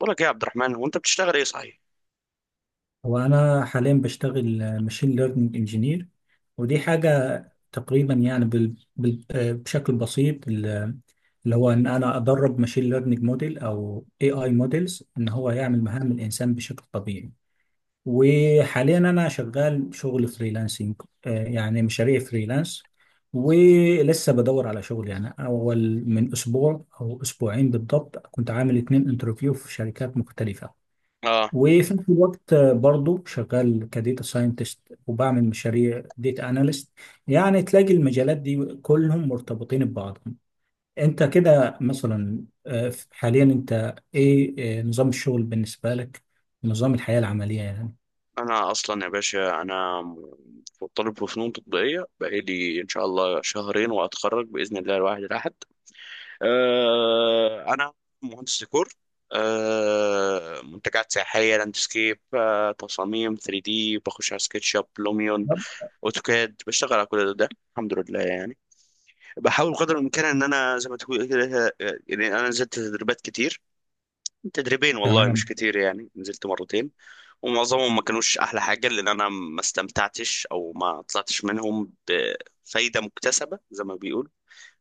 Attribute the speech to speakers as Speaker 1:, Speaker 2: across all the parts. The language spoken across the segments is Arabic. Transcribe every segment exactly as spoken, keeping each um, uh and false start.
Speaker 1: بقول لك إيه يا عبد الرحمن؟ هو انت بتشتغل ايه صحيح؟
Speaker 2: هو أنا حاليا بشتغل ماشين ليرنينج انجينير، ودي حاجة تقريبا، يعني بال... بال... آه، بشكل بسيط ال- اللي هو إن أنا أدرب ماشين ليرنينج موديل أو اي اي موديلز، إن هو يعمل مهام الإنسان بشكل طبيعي. وحاليا أنا شغال شغل فريلانسنج، آه، يعني مشاريع فريلانس. ولسه بدور على شغل، يعني أول من أسبوع أو أسبوعين بالضبط كنت عامل اتنين انترفيو في شركات مختلفة.
Speaker 1: اه
Speaker 2: وفي نفس الوقت برضو شغال كديتا ساينتست، وبعمل مشاريع ديتا اناليست. يعني تلاقي المجالات دي كلهم مرتبطين ببعضهم. انت كده مثلا، آه، حاليا انت ايه، آه، نظام الشغل بالنسبة لك؟ نظام الحياة العملية يعني؟
Speaker 1: انا اصلا يا باشا انا م- طالب في فنون تطبيقيه، بقالي ان شاء الله شهرين واتخرج باذن الله الواحد الاحد. آه انا مهندس ديكور، آه منتجات سياحيه، لاندسكيب، آه تصاميم ثري دي، بخش على سكتش اب، لوميون،
Speaker 2: طب،
Speaker 1: اوتوكاد، بشتغل على كل ده الحمد لله يعني. بحاول قدر الامكان ان انا زي ما تقول كده، آه، يعني انا نزلت تدريبات كتير، تدريبين والله مش
Speaker 2: تمام.
Speaker 1: كتير، يعني نزلت مرتين. ومعظمهم ما كانوش احلى حاجه، لان انا ما استمتعتش او ما طلعتش منهم بفايده مكتسبه زي ما بيقول،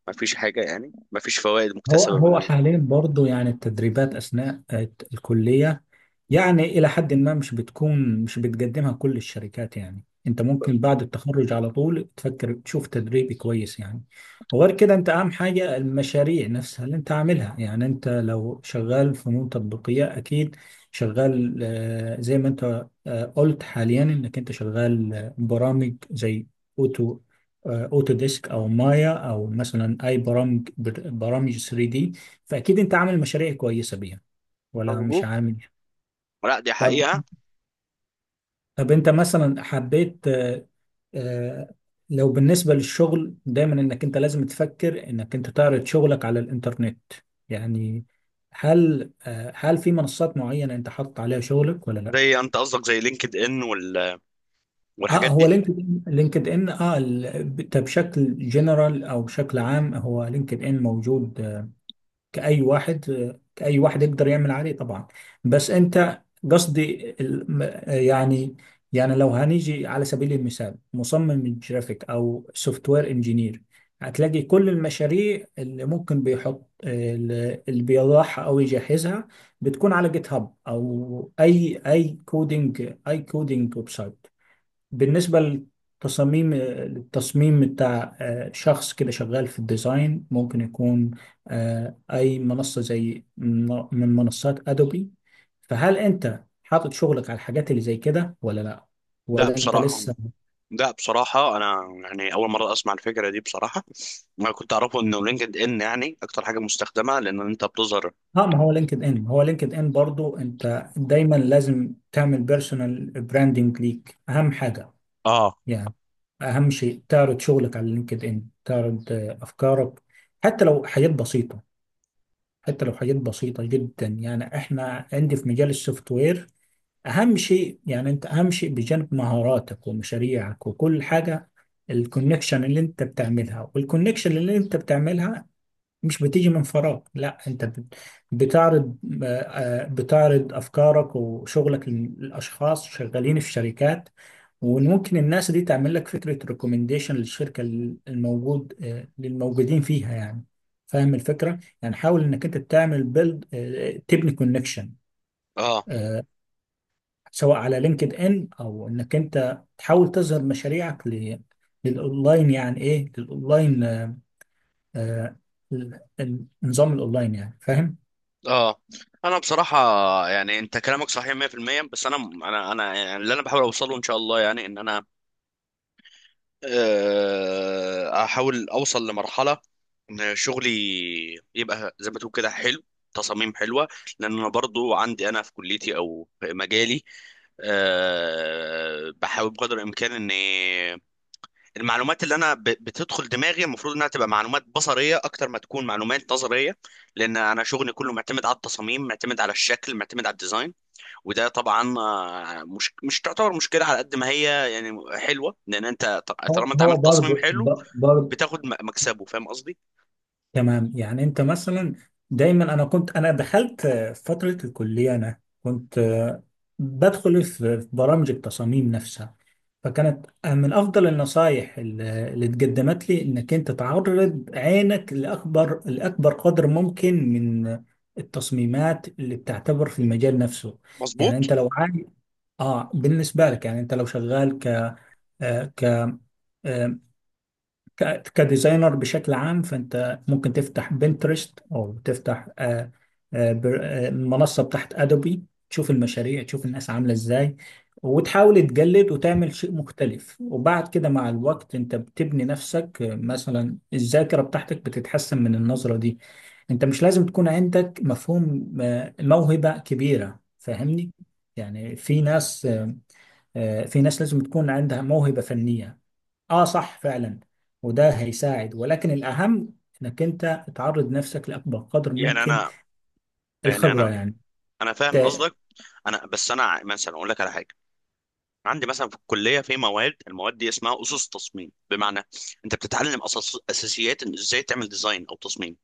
Speaker 1: ما فيش حاجه، يعني ما فيش فوائد
Speaker 2: هو
Speaker 1: مكتسبه من
Speaker 2: هو حاليا برضو، يعني التدريبات اثناء آه، الكلية، يعني إلى حد ما مش بتكون مش بتقدمها كل الشركات. يعني أنت ممكن بعد التخرج على طول تفكر تشوف تدريب كويس، يعني. وغير كده أنت أهم حاجة المشاريع نفسها اللي أنت عاملها، يعني أنت لو شغال فنون تطبيقية أكيد شغال، آه، زي ما أنت آه، قلت حاليا إنك أنت شغال آه، برامج زي أوتو، آه، أوتو ديسك أو مايا، أو مثلا أي برامج برامج ثري دي. فأكيد أنت عامل مشاريع كويسة بيها ولا مش
Speaker 1: الحظوظ.
Speaker 2: عامل؟
Speaker 1: لا دي
Speaker 2: طب
Speaker 1: حقيقه.
Speaker 2: طب انت مثلا حبيت، آه، آه، لو بالنسبة للشغل، دايما انك انت لازم تفكر انك انت تعرض شغلك على الانترنت، يعني. هل آه، هل في منصات معينة انت حاطط عليها شغلك ولا لا؟
Speaker 1: زي انت قصدك زي لينكد ان وال...
Speaker 2: اه،
Speaker 1: والحاجات
Speaker 2: هو
Speaker 1: دي؟
Speaker 2: لينكد ان لينكد ان اه، ال- ب- ده بشكل جنرال او بشكل عام. هو لينكد ان موجود كأي واحد، كأي واحد يقدر يعمل عليه طبعا. بس أنت، قصدي ال- م- يعني، يعني لو هنيجي على سبيل المثال مصمم الجرافيك أو سوفت وير انجينير، هتلاقي كل المشاريع اللي ممكن بيحط اللي بيضعها أو يجهزها بتكون على جيت هاب، أو أي أي كودينج أي كودينج ويب سايت. بالنسبة للتصاميم للتصميم بتاع آه، شخص كده شغال في الديزاين، ممكن يكون آه، أي منصة زي من من منصات أدوبي. فهل أنت حاطط شغلك على الحاجات اللي زي كده ولا لأ؟
Speaker 1: لا
Speaker 2: ولا أنت
Speaker 1: بصراحه،
Speaker 2: لسه؟
Speaker 1: لا بصراحه انا يعني اول مره اسمع الفكره دي بصراحه، ما كنت اعرفه انه لينكد ان يعني اكتر حاجه مستخدمه لان انت بتظهر.
Speaker 2: اه، ما هو لينكد إن، هو لينكد إن برضو أنت دايما لازم تعمل بيرسونال براندنج ليك، أهم حاجة
Speaker 1: اه.
Speaker 2: يعني. أهم شيء تعرض شغلك على لينكد إن، تعرض آه، أفكارك. حتى لو حاجات بسيطة، حتى لو حاجات بسيطة جدا، يعني احنا عندي في مجال السوفت وير اهم شيء. يعني انت اهم شيء بجانب مهاراتك ومشاريعك وكل حاجة الكونكشن اللي انت بتعملها، والكونكشن اللي انت بتعملها مش بتيجي من فراغ. لا انت بت- بتعرض آه، آه، بتعرض افكارك وشغلك للاشخاص شغالين في شركات. وممكن الناس دي تعمل لك فكرة ريكومنديشن للشركة، الموجود آه، للموجودين فيها يعني. فاهم الفكرة؟ يعني حاول انك انت تعمل بيلد تبني كونكشن،
Speaker 1: اه.
Speaker 2: سواء على لينكد ان، او انك انت تحاول تظهر مشاريعك ل- للاونلاين. يعني ايه للاونلاين؟ آه، آه، ال- النظام الاونلاين يعني، فاهم؟
Speaker 1: اه. انا بصراحه يعني انت كلامك صحيح مية بالمية، بس انا انا انا يعني اللي انا بحاول اوصله ان شاء الله، يعني ان انا آه، احاول اوصل لمرحله ان شغلي يبقى زي ما تقول كده حلو، تصاميم حلوه. لان انا برضو عندي انا في كليتي او في مجالي، آه، بحاول بقدر الامكان اني المعلومات اللي انا ب- بتدخل دماغي المفروض انها تبقى معلومات بصريه اكتر ما تكون معلومات نظريه، لان انا شغلي كله معتمد على التصاميم، معتمد على الشكل، معتمد على الديزاين. وده طبعا، آه، مش مش تعتبر مشكله على قد ما هي يعني حلوه، لان انت ط-
Speaker 2: هو
Speaker 1: طالما انت
Speaker 2: هو
Speaker 1: عملت تصميم
Speaker 2: برضه
Speaker 1: حلو بتاخد م- مكسبه، فاهم قصدي؟
Speaker 2: تمام. يعني انت مثلا دايما، انا كنت انا دخلت آه، فترة الكلية، انا كنت آه، بدخل في في برامج التصاميم نفسها. فكانت آه، من افضل النصايح ال- اللي اتقدمت لي انك انت تعرض عينك لاكبر، لاكبر قدر ممكن من التصميمات اللي بتعتبر في المجال نفسه. يعني
Speaker 1: مظبوط.
Speaker 2: انت لو عايز، اه بالنسبة لك، يعني انت لو شغال ك ك- كديزاينر بشكل عام، فانت ممكن تفتح بنترست، او تفتح آه، آه، بر- آه، منصه بتاعت ادوبي. تشوف المشاريع، تشوف الناس عامله ازاي، وتحاول تجلد وتعمل شيء مختلف. وبعد كده مع الوقت انت بتبني نفسك، آه، مثلا الذاكره بتاعتك بتتحسن من النظره دي. انت مش لازم تكون عندك مفهوم، آه، موهبه كبيره، فاهمني؟ يعني في ناس، آه، آه، في ناس لازم تكون عندها موهبه فنيه. اه صح فعلا. وده هيساعد، ولكن الأهم انك انت تعرض نفسك لأكبر قدر
Speaker 1: يعني
Speaker 2: ممكن.
Speaker 1: انا يعني
Speaker 2: الخبرة
Speaker 1: انا
Speaker 2: يعني.
Speaker 1: انا فاهم
Speaker 2: ت-
Speaker 1: قصدك، انا بس انا ع- مثلا اقول لك على حاجه. عندي مثلا في الكليه في مواد، المواد دي اسمها اسس تصميم، بمعنى انت بتتعلم أساس، اساسيات ان ازاي تعمل ديزاين او تصميم.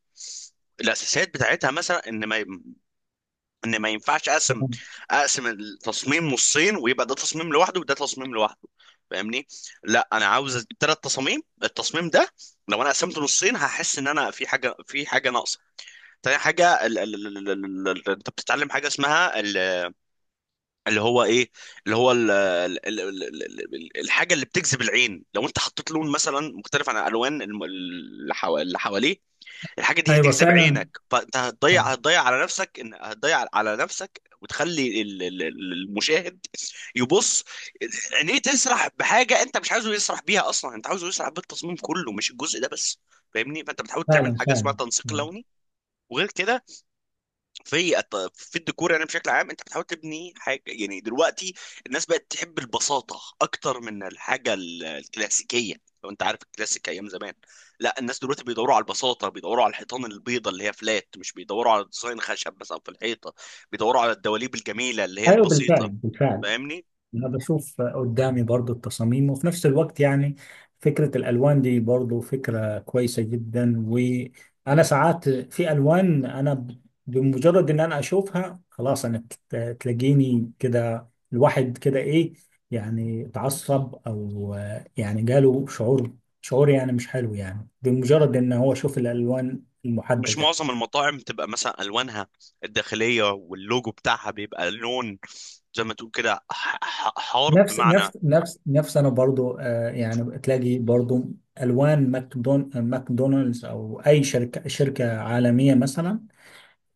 Speaker 1: الاساسيات بتاعتها مثلا ان ما ان ما ينفعش اقسم اقسم التصميم نصين ويبقى ده تصميم لوحده وده تصميم لوحده، فاهمني؟ لا انا عاوز اجيب ثلاث تصاميم. التصميم ده لو انا قسمته نصين هحس ان انا في حاجه، في حاجه ناقصه. تاني حاجه ال ال ال ال ال ال انت بتتعلم حاجه اسمها اللي هو ايه، اللي هو ال ال ال ال ال ال الحاجه اللي بتجذب العين. لو انت حطيت لون مثلا مختلف عن الالوان الم- اللي حوا- اللي حواليه، الحاجه دي
Speaker 2: ايوه
Speaker 1: هتجذب
Speaker 2: فعلا
Speaker 1: عينك، فانت هتضيع هتضيع على نفسك، ان هتضيع على نفسك، وتخلي ال- ال- ال- المشاهد يبص، عينيه تسرح بحاجه انت مش عايزه يسرح بيها اصلا، انت عاوزه يسرح بالتصميم كله مش الجزء ده بس، فاهمني؟ فانت بتحاول تعمل
Speaker 2: فعلا
Speaker 1: حاجه اسمها
Speaker 2: فعلا
Speaker 1: تنسيق
Speaker 2: يعني.
Speaker 1: لوني. وغير كده في الت- في الديكور يعني بشكل عام، انت بتحاول تبني حاجه، يعني دلوقتي الناس بقت تحب البساطه اكتر من الحاجه ال- الكلاسيكيه، لو انت عارف الكلاسيك ايام زمان. لا الناس دلوقتي بيدوروا على البساطه، بيدوروا على الحيطان البيضه اللي هي فلات، مش بيدوروا على ديزاين خشب بس او في الحيطه، بيدوروا على الدواليب الجميله اللي هي
Speaker 2: ايوه بالفعل
Speaker 1: البسيطه،
Speaker 2: بالفعل.
Speaker 1: فاهمني؟
Speaker 2: انا بشوف قدامي برضو التصاميم، وفي نفس الوقت يعني فكرة الالوان دي برضو فكرة كويسة جدا. وانا ساعات في الوان انا ب- بمجرد ان انا اشوفها خلاص، انا ت- تلاقيني كده الواحد كده ايه، يعني اتعصب او آه، يعني جاله شعور، شعور يعني مش حلو، يعني بمجرد ان هو شوف الالوان
Speaker 1: مش
Speaker 2: المحددة.
Speaker 1: معظم المطاعم بتبقى مثلا الوانها الداخليه واللوجو بتاعها بيبقى لون زي ما تقول كده ح- ح- حار،
Speaker 2: نفس
Speaker 1: بمعنى
Speaker 2: نفس نفس نفس انا برضو آه يعني تلاقي برضو الوان ماكدون ماكدونالدز، او اي شركه، شركه عالميه مثلا،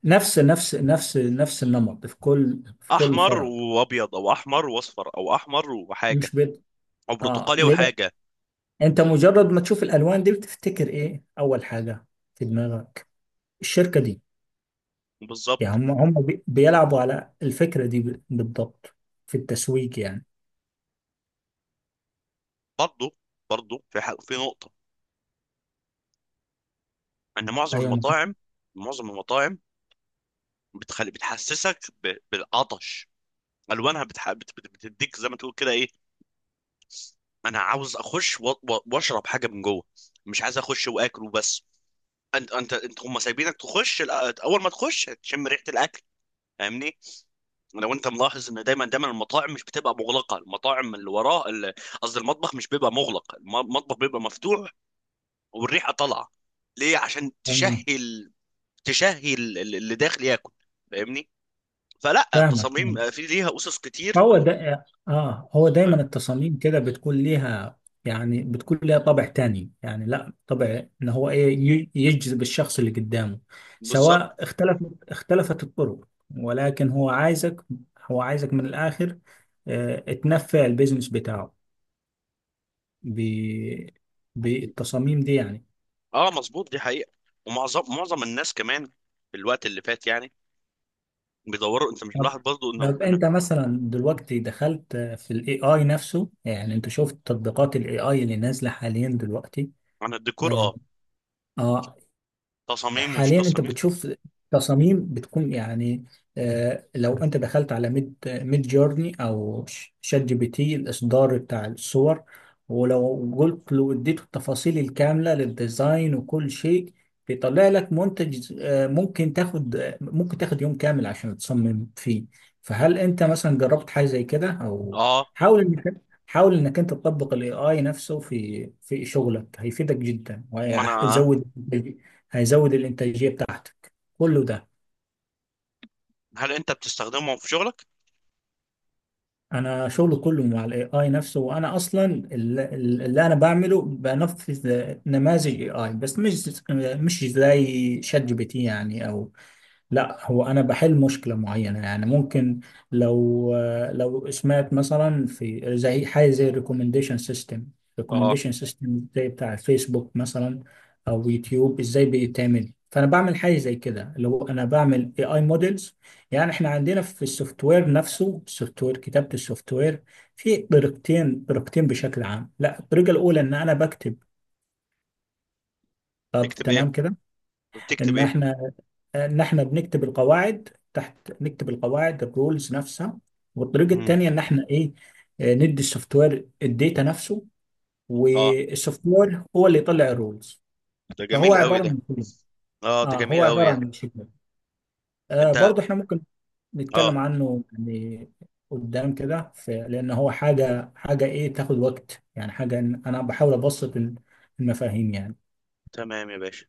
Speaker 2: نفس نفس نفس نفس النمط في كل، في كل
Speaker 1: احمر
Speaker 2: فرع.
Speaker 1: وابيض، او احمر واصفر، او احمر وحاجه،
Speaker 2: مش بيت.
Speaker 1: او
Speaker 2: اه
Speaker 1: برتقالي
Speaker 2: ليه.
Speaker 1: وحاجه.
Speaker 2: انت مجرد ما تشوف الالوان دي بتفتكر ايه اول حاجه في دماغك؟ الشركه دي. يعني
Speaker 1: بالظبط.
Speaker 2: هم هم بي- بيلعبوا على الفكره دي ب- بالضبط، في التسويق يعني.
Speaker 1: برضه، برضه في حق في نقطه، ان معظم
Speaker 2: ايوه معاك.
Speaker 1: المطاعم، معظم المطاعم بتخلي، بتحسسك ب... بالعطش. الوانها بتح... بت... بت- بتديك زي ما تقول كده ايه، انا عاوز اخش و... و... واشرب حاجه من جوه، مش عايز اخش واكل وبس. انت انت انت هم سايبينك تخش الأ- اول ما تخش تشم ريحه الاكل، فاهمني؟ لو انت ملاحظ ان دايما دايما المطاعم مش بتبقى مغلقه، المطاعم اللي وراه ال- قصدي المطبخ مش بيبقى مغلق، الم- المطبخ بيبقى مفتوح والريحه طالعه، ليه؟ عشان تشهي
Speaker 2: تمام.
Speaker 1: ال- تشهي ال- ال- اللي داخل ياكل، فاهمني؟ فلا،
Speaker 2: فاهمك.
Speaker 1: التصاميم في ليها اسس كتير.
Speaker 2: هو ده اه هو
Speaker 1: ف-
Speaker 2: دايما التصاميم كده بتكون ليها، يعني بتكون ليها طابع تاني، يعني لا طابع ان هو ايه، ي- يجذب الشخص اللي قدامه.
Speaker 1: بالظبط.
Speaker 2: سواء اختلف اختلفت الطرق، ولكن هو عايزك، هو عايزك من الاخر، آه تنفع البيزنس بتاعه ب بالتصاميم دي يعني.
Speaker 1: اه مظبوط دي حقيقه. ومعظم، معظم الناس كمان في الوقت اللي فات يعني بيدوروا، انت مش
Speaker 2: طب
Speaker 1: ملاحظ برضو انه
Speaker 2: طب
Speaker 1: انا؟
Speaker 2: انت مثلا دلوقتي دخلت في الاي اي نفسه. يعني انت شفت تطبيقات الاي اي اللي نازله حاليا دلوقتي؟
Speaker 1: انا الديكور
Speaker 2: آه،
Speaker 1: اه،
Speaker 2: آه،
Speaker 1: تصاميم ومش
Speaker 2: حاليا انت
Speaker 1: تصاميم.
Speaker 2: بتشوف تصاميم بتكون، يعني آه، لو انت دخلت على ميد ميد جورني، او ش- شات جي بي تي الاصدار بتاع الصور، ولو قلت له اديته التفاصيل الكامله للديزاين وكل شيء، بيطلع لك منتج، آه، ممكن تاخد آه، ممكن تاخد يوم كامل عشان تصمم فيه. فهل انت مثلا جربت حاجه زي كده، او
Speaker 1: اه
Speaker 2: حاول انك حاول انك انت تطبق الاي اي نفسه في في شغلك؟ هيفيدك جدا،
Speaker 1: ما انا.
Speaker 2: وهيزود هيزود الانتاجيه بتاعتك كله ده.
Speaker 1: هل انت بتستخدمهم في شغلك؟
Speaker 2: انا شغل كله مع الاي اي نفسه. وانا اصلا الل- اللي انا بعمله بنفذ نماذج اي اي، بس مش مش زي شات جي بي تي يعني، او لا هو انا بحل مشكله معينه يعني. ممكن، لو لو سمعت مثلا في زي حاجه زي الريكومنديشن سيستم،
Speaker 1: اه
Speaker 2: ريكومنديشن سيستم زي بتاع فيسبوك مثلا، او يوتيوب ازاي بيتعمل. فانا بعمل حاجه زي كده لو انا بعمل اي اي موديلز. يعني احنا عندنا في السوفت وير نفسه، السوفت وير، كتابه السوفت وير في طريقتين، طريقتين بشكل عام. لا الطريقه الاولى ان انا بكتب. طب
Speaker 1: تكتب ايه،
Speaker 2: تمام كده.
Speaker 1: بتكتب
Speaker 2: ان
Speaker 1: ايه؟
Speaker 2: احنا ان احنا بنكتب القواعد تحت، نكتب القواعد الرولز نفسها. والطريقه
Speaker 1: مم.
Speaker 2: الثانيه ان احنا ايه، آه، ندي السوفت وير الداتا نفسه،
Speaker 1: اه
Speaker 2: والسوفت وير هو اللي يطلع الرولز.
Speaker 1: ده
Speaker 2: فهو
Speaker 1: جميل قوي
Speaker 2: عباره
Speaker 1: ده.
Speaker 2: عن شيء.
Speaker 1: اه ده
Speaker 2: اه هو
Speaker 1: جميل
Speaker 2: عباره
Speaker 1: قوي ده.
Speaker 2: عن شيء آه
Speaker 1: انت،
Speaker 2: برضه احنا ممكن نتكلم
Speaker 1: اه
Speaker 2: عنه يعني قدام كده. ف- لان هو حاجه، حاجه ايه، تاخد وقت يعني. حاجه إن انا بحاول ابسط المفاهيم يعني.
Speaker 1: تمام يا باشا.